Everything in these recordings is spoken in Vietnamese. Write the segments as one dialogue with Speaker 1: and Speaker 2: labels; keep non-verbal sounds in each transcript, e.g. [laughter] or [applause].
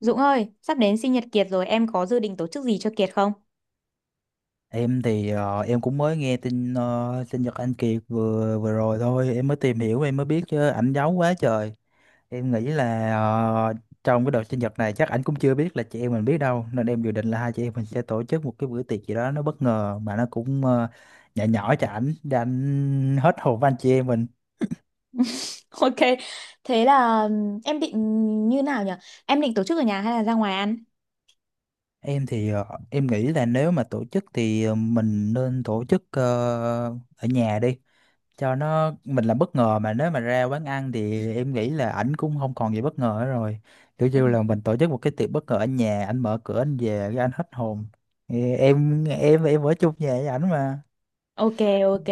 Speaker 1: Dũng ơi, sắp đến sinh nhật Kiệt rồi, em có dự định tổ chức gì cho Kiệt không?
Speaker 2: Em thì em cũng mới nghe tin, sinh nhật anh Kiệt vừa vừa rồi thôi, em mới tìm hiểu em mới biết chứ ảnh giấu quá trời. Em nghĩ là trong cái đợt sinh nhật này chắc ảnh cũng chưa biết là chị em mình biết đâu, nên em dự định là hai chị em mình sẽ tổ chức một cái bữa tiệc gì đó nó bất ngờ mà nó cũng nhỏ nhỏ cho ảnh để ảnh hết hồn với anh chị em mình.
Speaker 1: [laughs] Ok, thế là em định như nào nhỉ? Em định tổ chức ở nhà hay là ra ngoài ăn?
Speaker 2: Em thì em nghĩ là nếu mà tổ chức thì mình nên tổ chức ở nhà đi. Cho nó mình là bất ngờ, mà nếu mà ra quán ăn thì em nghĩ là ảnh cũng không còn gì bất ngờ nữa rồi. Kiểu
Speaker 1: Ừ.
Speaker 2: như là mình tổ chức một cái tiệc bất ngờ ở nhà, ảnh mở cửa anh về cái anh hết hồn. Thì em ở chung nhà với ảnh mà.
Speaker 1: Ok, ok.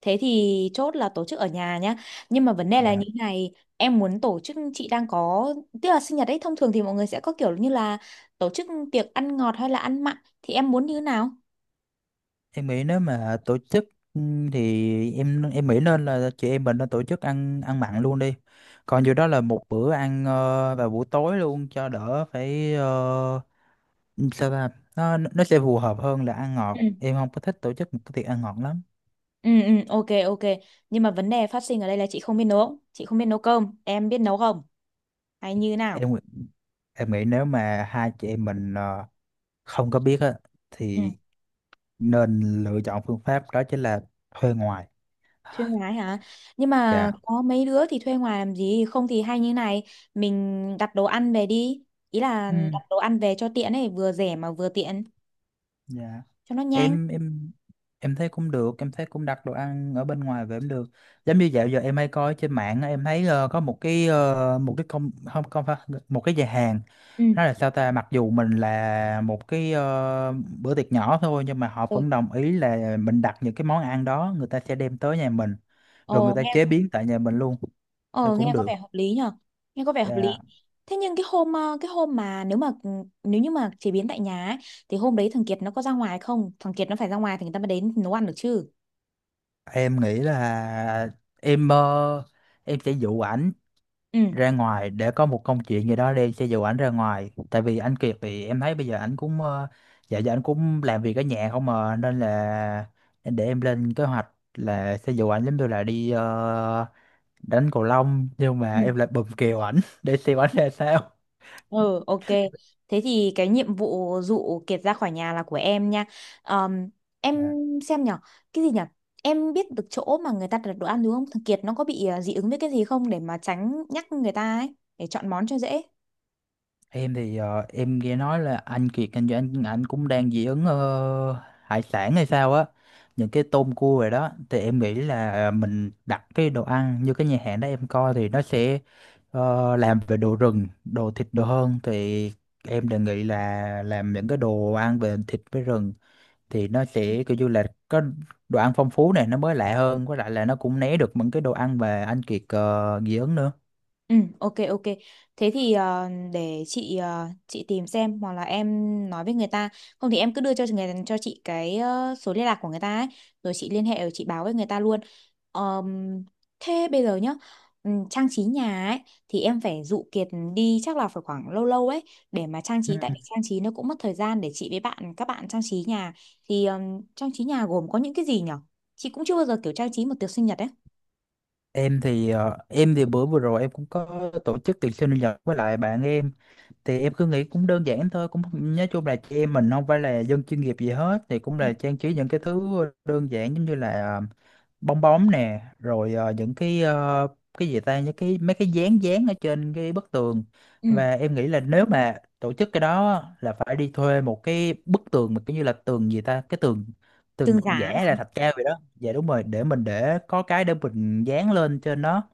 Speaker 1: Thế thì chốt là tổ chức ở nhà nhá. Nhưng mà vấn đề là như
Speaker 2: Dạ,
Speaker 1: thế này, em muốn tổ chức chị đang có, tức là sinh nhật ấy thông thường thì mọi người sẽ có kiểu như là tổ chức tiệc ăn ngọt hay là ăn mặn thì em muốn như thế nào?
Speaker 2: em nghĩ nếu mà tổ chức, ừ, thì em nghĩ nên là chị em mình nên tổ chức ăn ăn mặn luôn đi. Còn dù đó là một bữa ăn, vào buổi tối luôn cho đỡ phải, sao ta, nó sẽ phù hợp hơn là ăn
Speaker 1: Ừ.
Speaker 2: ngọt. Em không có thích tổ chức một cái tiệc ăn ngọt lắm.
Speaker 1: Ừ, ừ, ok, ok. Nhưng mà vấn đề phát sinh ở đây là chị không biết nấu, chị không biết nấu cơm, em biết nấu không? Hay như thế nào?
Speaker 2: Em Em nghĩ nếu mà hai chị em mình không có biết á thì nên lựa chọn phương pháp đó chính là thuê ngoài.
Speaker 1: Thuê ngoài hả, nhưng mà
Speaker 2: Dạ.
Speaker 1: có mấy đứa thì thuê ngoài làm gì, không thì hay như này, mình đặt đồ ăn về đi, ý là đặt
Speaker 2: Ừ.
Speaker 1: đồ ăn về cho tiện ấy, vừa rẻ mà vừa tiện,
Speaker 2: Dạ.
Speaker 1: cho nó nhanh.
Speaker 2: em em em thấy cũng được, em thấy cũng đặt đồ ăn ở bên ngoài về cũng được. Giống như dạo giờ em hay coi trên mạng á, em thấy có một cái một cái công, không, không phải, một cái nhà hàng.
Speaker 1: Ừ,
Speaker 2: Nó là sao ta, mặc dù mình là một cái bữa tiệc nhỏ thôi nhưng mà họ
Speaker 1: ừ.
Speaker 2: vẫn đồng ý là mình đặt những cái món ăn đó, người ta sẽ đem tới nhà mình, rồi người
Speaker 1: ồ
Speaker 2: ta
Speaker 1: nghe
Speaker 2: chế biến tại nhà mình luôn thì
Speaker 1: Ồ
Speaker 2: cũng
Speaker 1: nghe có
Speaker 2: được.
Speaker 1: vẻ hợp lý nhở, nghe có vẻ hợp lý.
Speaker 2: Dạ,
Speaker 1: Thế nhưng cái hôm mà, nếu như mà chế biến tại nhà ấy, thì hôm đấy thằng Kiệt nó có ra ngoài không, thằng Kiệt nó phải ra ngoài thì người ta mới đến nấu ăn được chứ.
Speaker 2: em nghĩ là em ờ, em sẽ dụ ảnh
Speaker 1: Ừ,
Speaker 2: ra ngoài để có một công chuyện gì đó đi, sẽ dụ ảnh ra ngoài. Tại vì anh Kiệt thì em thấy bây giờ ảnh cũng dạ giờ anh cũng làm việc ở nhà không mà, nên là để em lên kế hoạch là sẽ dụ ảnh giống như là đi đánh cầu lông nhưng mà
Speaker 1: ừ.
Speaker 2: em lại bùm kèo ảnh [laughs] để xem ảnh ra sao.
Speaker 1: Ừ, ok. Thế thì cái nhiệm vụ dụ Kiệt ra khỏi nhà là của em nha. Ờm, em
Speaker 2: Dạ.
Speaker 1: xem nhở, cái gì nhở? Em biết được chỗ mà người ta đặt đồ ăn đúng không? Thằng Kiệt nó có bị dị ứng với cái gì không, để mà tránh nhắc người ta ấy, để chọn món cho dễ.
Speaker 2: Em thì em nghe nói là anh Kiệt anh cũng đang dị ứng hải sản hay sao á, những cái tôm cua rồi đó. Thì em nghĩ là mình đặt cái đồ ăn như cái nhà hàng đó em coi thì nó sẽ, làm về đồ rừng, đồ thịt đồ hơn. Thì em đề nghị là làm những cái đồ ăn về thịt với rừng, thì nó sẽ kiểu như là có đồ ăn phong phú này, nó mới lạ hơn, với lại là nó cũng né được những cái đồ ăn mà anh Kiệt dị ứng nữa.
Speaker 1: Ừ, ok, ok. Thế thì để chị chị tìm xem, hoặc là em nói với người ta, không thì em cứ đưa cho người cho chị cái số liên lạc của người ta ấy, rồi chị liên hệ, rồi chị báo với người ta luôn. Ờm, Thế bây giờ nhá, trang trí nhà ấy thì em phải dụ Kiệt đi chắc là phải khoảng lâu lâu ấy, để mà trang
Speaker 2: Ừ.
Speaker 1: trí, tại vì trang trí nó cũng mất thời gian để chị với các bạn trang trí nhà. Thì trang trí nhà gồm có những cái gì nhở? Chị cũng chưa bao giờ kiểu trang trí một tiệc sinh nhật ấy.
Speaker 2: Em thì bữa vừa rồi em cũng có tổ chức tiệc sinh nhật với lại bạn em, thì em cứ nghĩ cũng đơn giản thôi, cũng nói chung là chị em mình không phải là dân chuyên nghiệp gì hết, thì cũng là trang trí những cái thứ đơn giản giống như là bong bóng nè, rồi những cái cái gì ta, những cái mấy cái dán dán ở trên cái bức tường.
Speaker 1: Ừ,
Speaker 2: Và em nghĩ là nếu mà tổ chức cái đó á, là phải đi thuê một cái bức tường mà kiểu như là tường gì ta, cái tường tường
Speaker 1: tường giá
Speaker 2: giả là
Speaker 1: hả?
Speaker 2: thạch cao vậy đó, dạ đúng rồi, để mình để có cái để mình dán lên trên nó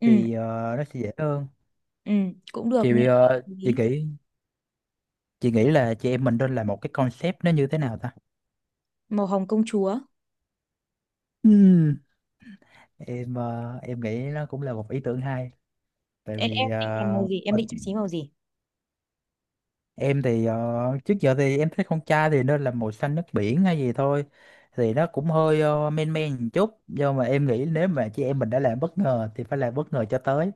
Speaker 1: Ừ.
Speaker 2: thì nó sẽ dễ hơn.
Speaker 1: Ừ, cũng được,
Speaker 2: chị
Speaker 1: nghe
Speaker 2: bị
Speaker 1: có vẻ
Speaker 2: ờ,
Speaker 1: hợp
Speaker 2: chị
Speaker 1: lý.
Speaker 2: nghĩ chị nghĩ là chị em mình nên làm một cái concept nó như thế nào ta.
Speaker 1: Màu hồng công chúa.
Speaker 2: Ừm, em nghĩ nó cũng là một ý tưởng hay, tại
Speaker 1: Em
Speaker 2: vì
Speaker 1: định làm màu gì? Em
Speaker 2: mình.
Speaker 1: định trang trí màu gì?
Speaker 2: em thì ờ, trước giờ thì em thấy con trai thì nên là màu xanh nước biển hay gì thôi, thì nó cũng hơi men men một chút, nhưng mà em nghĩ nếu mà chị em mình đã làm bất ngờ thì phải làm bất ngờ cho tới,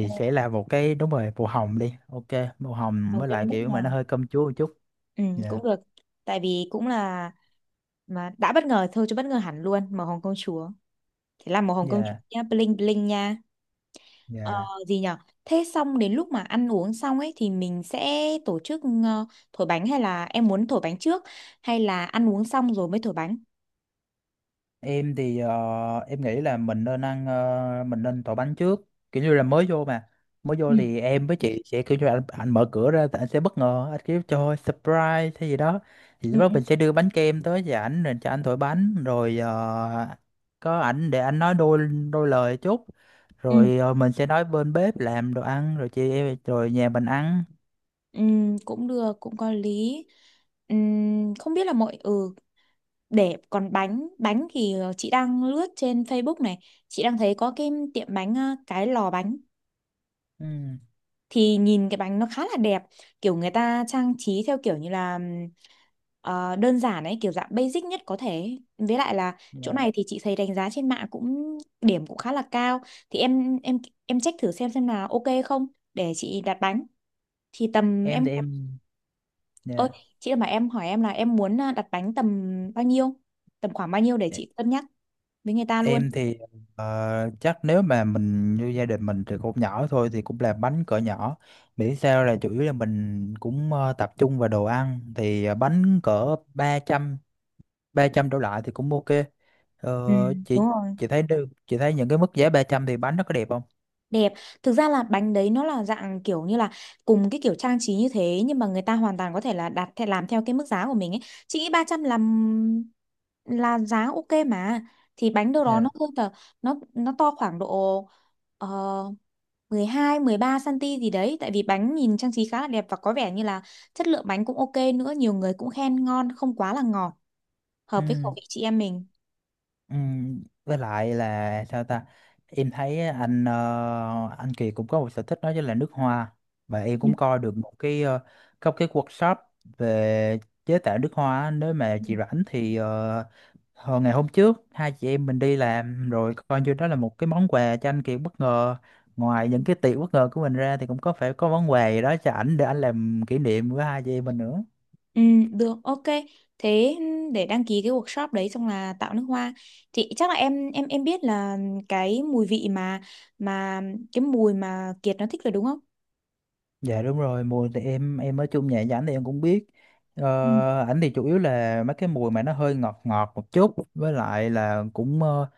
Speaker 1: Ừ,
Speaker 2: sẽ là một cái, đúng rồi, màu hồng đi, ok. Màu hồng
Speaker 1: màu
Speaker 2: với
Speaker 1: cho
Speaker 2: lại
Speaker 1: nó bất
Speaker 2: kiểu mà nó
Speaker 1: ngờ.
Speaker 2: hơi cơm chúa một chút.
Speaker 1: Ừ,
Speaker 2: Dạ.
Speaker 1: cũng được. Tại vì cũng là mà đã bất ngờ thôi chứ bất ngờ hẳn luôn, màu hồng công chúa. Thế là màu hồng công chúa
Speaker 2: Dạ.
Speaker 1: nha, bling bling nha. Ờ,
Speaker 2: Dạ,
Speaker 1: Gì nhở? Thế xong đến lúc mà ăn uống xong ấy thì mình sẽ tổ chức thổi bánh, hay là em muốn thổi bánh trước, hay là ăn uống xong rồi mới thổi bánh?
Speaker 2: em thì em nghĩ là mình nên mình nên tỏi bánh trước. Kiểu như là mới vô mà, mới
Speaker 1: Ừ.
Speaker 2: vô thì em với chị sẽ kiểu như là anh mở cửa ra thì anh sẽ bất ngờ, anh kiểu cho surprise hay gì đó. Thì
Speaker 1: Ừ,
Speaker 2: lúc đó
Speaker 1: ừ,
Speaker 2: mình sẽ đưa bánh kem tới cho ảnh rồi cho anh thổi bánh, rồi có ảnh để anh nói đôi đôi lời chút,
Speaker 1: ừ,
Speaker 2: rồi mình sẽ nói bên bếp làm đồ ăn rồi chị em rồi nhà mình ăn.
Speaker 1: ừ, cũng được, cũng có lý. Không biết là mọi ừ Để còn bánh bánh thì chị đang lướt trên Facebook này, chị đang thấy có cái lò bánh
Speaker 2: Ừ.
Speaker 1: thì nhìn cái bánh nó khá là đẹp, kiểu người ta trang trí theo kiểu như là đơn giản ấy, kiểu dạng basic nhất có thể, với lại là
Speaker 2: Dạ.
Speaker 1: chỗ này thì chị thấy đánh giá trên mạng cũng điểm cũng khá là cao. Thì em check thử xem là ok không, để chị đặt bánh. Thì tầm
Speaker 2: Em
Speaker 1: Em
Speaker 2: thì em.
Speaker 1: ơi,
Speaker 2: Dạ.
Speaker 1: chị mà em hỏi em là em muốn đặt bánh bao nhiêu tầm khoảng bao nhiêu, để chị cân nhắc với người ta luôn.
Speaker 2: Em thì chắc nếu mà mình như gia đình mình từ cũng nhỏ thôi thì cũng làm bánh cỡ nhỏ. Miễn sao là chủ yếu là mình cũng tập trung vào đồ ăn, thì bánh cỡ ba trăm đổ lại thì cũng ok.
Speaker 1: Ừ,
Speaker 2: Ờ,
Speaker 1: đúng
Speaker 2: chị
Speaker 1: rồi,
Speaker 2: chị thấy được, chị thấy những cái mức giá 300 thì bánh nó có đẹp không?
Speaker 1: đẹp. Thực ra là bánh đấy nó là dạng kiểu như là cùng cái kiểu trang trí như thế, nhưng mà người ta hoàn toàn có thể là đặt theo làm theo cái mức giá của mình ấy. Chị nghĩ 300 là giá ok mà. Thì bánh đâu đó nó
Speaker 2: Dạ.
Speaker 1: hơn tờ, nó to khoảng độ uh, 12 13 cm gì đấy, tại vì bánh nhìn trang trí khá là đẹp, và có vẻ như là chất lượng bánh cũng ok nữa, nhiều người cũng khen ngon, không quá là ngọt,
Speaker 2: Ừ.
Speaker 1: hợp với khẩu vị chị em mình.
Speaker 2: Với lại là sao ta, em thấy anh Kiệt cũng có một sở thích đó chính là nước hoa. Và em cũng coi được một cái có cái workshop về chế tạo nước hoa á. Nếu mà
Speaker 1: Ừ.
Speaker 2: chị rảnh thì hồi ngày hôm trước hai chị em mình đi làm rồi coi như đó là một cái món quà cho anh Kiệt bất ngờ. Ngoài những cái tiệc bất ngờ của mình ra thì cũng có phải có món quà gì đó cho ảnh để ảnh làm kỷ niệm với hai chị em mình nữa.
Speaker 1: Ừ, được, ok. Thế để đăng ký cái workshop đấy xong là tạo nước hoa, thì chắc là em biết là cái mùi vị mà mà cái mùi mà Kiệt nó thích rồi đúng không?
Speaker 2: Dạ đúng rồi, mùi thì em ở chung nhà với ảnh thì em cũng biết. Ờ,
Speaker 1: Ừ.
Speaker 2: ảnh thì chủ yếu là mấy cái mùi mà nó hơi ngọt ngọt một chút, với lại là cũng ờ,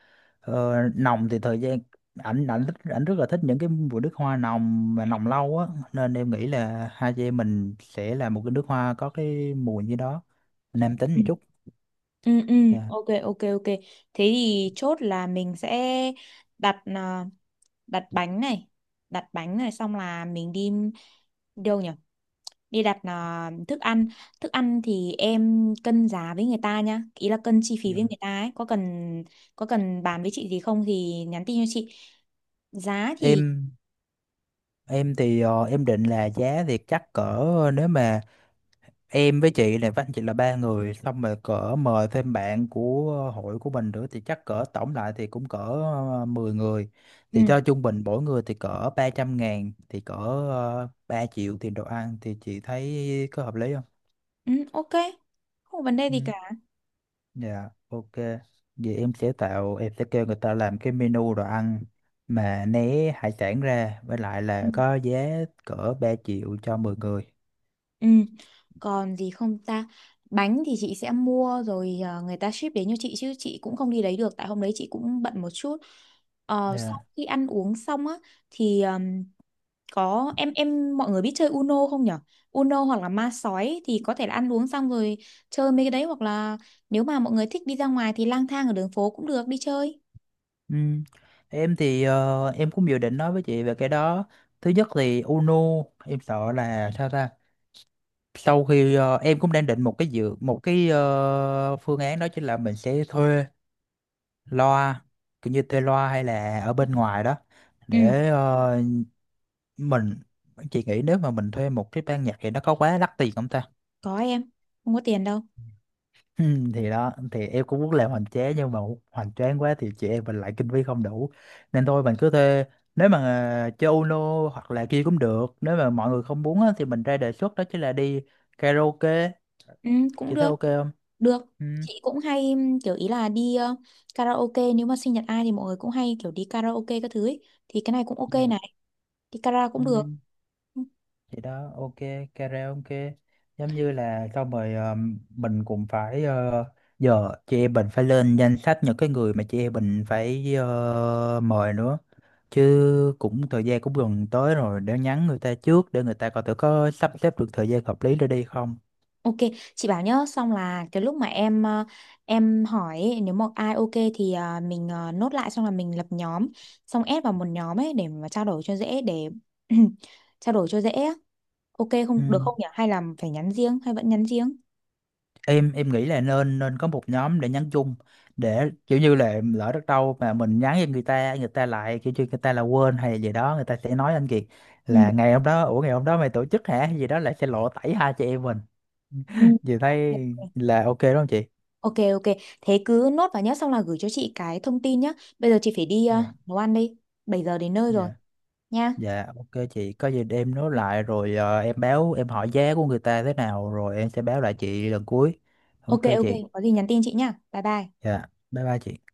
Speaker 2: ờ, nồng. Thì thời gian ảnh ảnh thích ảnh rất là thích những cái mùi nước hoa nồng mà nồng lâu á, nên em nghĩ là hai chị em mình sẽ làm một cái nước hoa có cái mùi như đó, nam tính một
Speaker 1: Ừ,
Speaker 2: chút.
Speaker 1: ừ, ừ,
Speaker 2: Dạ.
Speaker 1: ok, ok, ok. Thế thì chốt là mình sẽ đặt à, đặt bánh này, đặt bánh này xong là mình đi đâu nhỉ? Đi đặt thức ăn. Thức ăn thì em cân giá với người ta nhá, ý là cân chi phí
Speaker 2: Dạ.
Speaker 1: với người ta ấy, có cần bàn với chị gì không thì nhắn tin cho chị, giá thì
Speaker 2: Em em thì em định là giá thì chắc cỡ, nếu mà em với chị này với anh chị là ba người xong rồi cỡ mời thêm bạn của hội của mình nữa thì chắc cỡ tổng lại thì cũng cỡ 10 người.
Speaker 1: ừ,
Speaker 2: Thì cho trung bình mỗi người thì cỡ 300.000 thì cỡ 3 triệu tiền đồ ăn, thì chị thấy có hợp lý không?
Speaker 1: ừ, ok, không có vấn đề
Speaker 2: Ừ.
Speaker 1: gì cả.
Speaker 2: Dạ, ok, vậy em sẽ tạo em sẽ kêu người ta làm cái menu đồ ăn mà né hải sản ra, với lại
Speaker 1: Ừ.
Speaker 2: là có giá cỡ 3 triệu cho 10 người.
Speaker 1: Ừ. Còn gì không ta, bánh thì chị sẽ mua rồi, người ta ship đến cho chị chứ chị cũng không đi lấy được, tại hôm đấy chị cũng bận một chút. Sau
Speaker 2: Dạ.
Speaker 1: khi ăn uống xong á thì có em mọi người biết chơi Uno không nhở? Uno hoặc là ma sói thì có thể là ăn uống xong rồi chơi mấy cái đấy, hoặc là nếu mà mọi người thích đi ra ngoài thì lang thang ở đường phố cũng được, đi chơi.
Speaker 2: Ừ. Em thì em cũng dự định nói với chị về cái đó. Thứ nhất thì UNO, em sợ là sao ta? Sau khi em cũng đang định một cái dự một cái ờ, phương án đó chính là mình sẽ thuê loa, kiểu như thuê loa hay là ở bên ngoài đó,
Speaker 1: Ừ,
Speaker 2: để mình. Chị nghĩ nếu mà mình thuê một cái ban nhạc thì nó có quá đắt tiền không ta?
Speaker 1: có em, không có tiền đâu.
Speaker 2: Ừ, thì đó thì em cũng muốn làm hoành tráng, nhưng mà hoành tráng quá thì chị em mình lại kinh phí không đủ, nên thôi mình cứ thuê, nếu mà chơi Uno hoặc là kia cũng được. Nếu mà mọi người không muốn á, thì mình ra đề xuất đó chính là đi karaoke.
Speaker 1: Ừ, cũng
Speaker 2: Chị thấy
Speaker 1: được
Speaker 2: ok không?
Speaker 1: được
Speaker 2: Ừ.
Speaker 1: Chị cũng hay kiểu ý là đi karaoke, nếu mà sinh nhật ai thì mọi người cũng hay kiểu đi karaoke các thứ ấy. Thì cái này cũng ok
Speaker 2: Dạ.
Speaker 1: này, đi karaoke cũng được.
Speaker 2: Ừ. Thì đó, ok, karaoke. Giống như là xong rồi mình cũng phải giờ chị em mình phải lên danh sách những cái người mà chị em mình phải mời nữa. Chứ cũng thời gian cũng gần tới rồi, để nhắn người ta trước để người ta coi thử có sắp xếp được thời gian hợp lý để đi không.
Speaker 1: Ok, chị bảo nhá, xong là cái lúc mà em hỏi ấy, nếu mà ai ok thì mình nốt lại, xong là mình lập nhóm, xong ép vào một nhóm ấy để mà trao đổi cho dễ, để [clears throat] trao đổi cho dễ á. Ok
Speaker 2: Ừ.
Speaker 1: không, được không nhỉ? Hay là phải nhắn riêng, hay vẫn nhắn riêng?
Speaker 2: Em nghĩ là nên nên có một nhóm để nhắn chung, để kiểu như là lỡ đất đâu mà mình nhắn cho người ta, người ta lại kiểu như người ta là quên hay gì đó, người ta sẽ nói anh Kiệt
Speaker 1: Ừ.
Speaker 2: là, ngày hôm đó, ủa, ngày hôm đó mày tổ chức hả, hay gì đó, lại sẽ lộ tẩy hai chị em mình.
Speaker 1: Ừ.
Speaker 2: Chị thấy là ok đúng không chị?
Speaker 1: Ok, ok, thế cứ nốt vào nhá, xong là gửi cho chị cái thông tin nhá. Bây giờ chị phải đi
Speaker 2: Dạ.
Speaker 1: nấu ăn đi, 7 giờ đến nơi rồi
Speaker 2: Dạ.
Speaker 1: nha.
Speaker 2: Dạ, ok chị, có gì để em nối lại rồi em báo em hỏi giá của người ta thế nào rồi em sẽ báo lại chị lần cuối.
Speaker 1: Ok,
Speaker 2: Ok
Speaker 1: ok,
Speaker 2: chị.
Speaker 1: có gì nhắn tin chị nhá. Bye bye.
Speaker 2: Dạ, bye bye chị.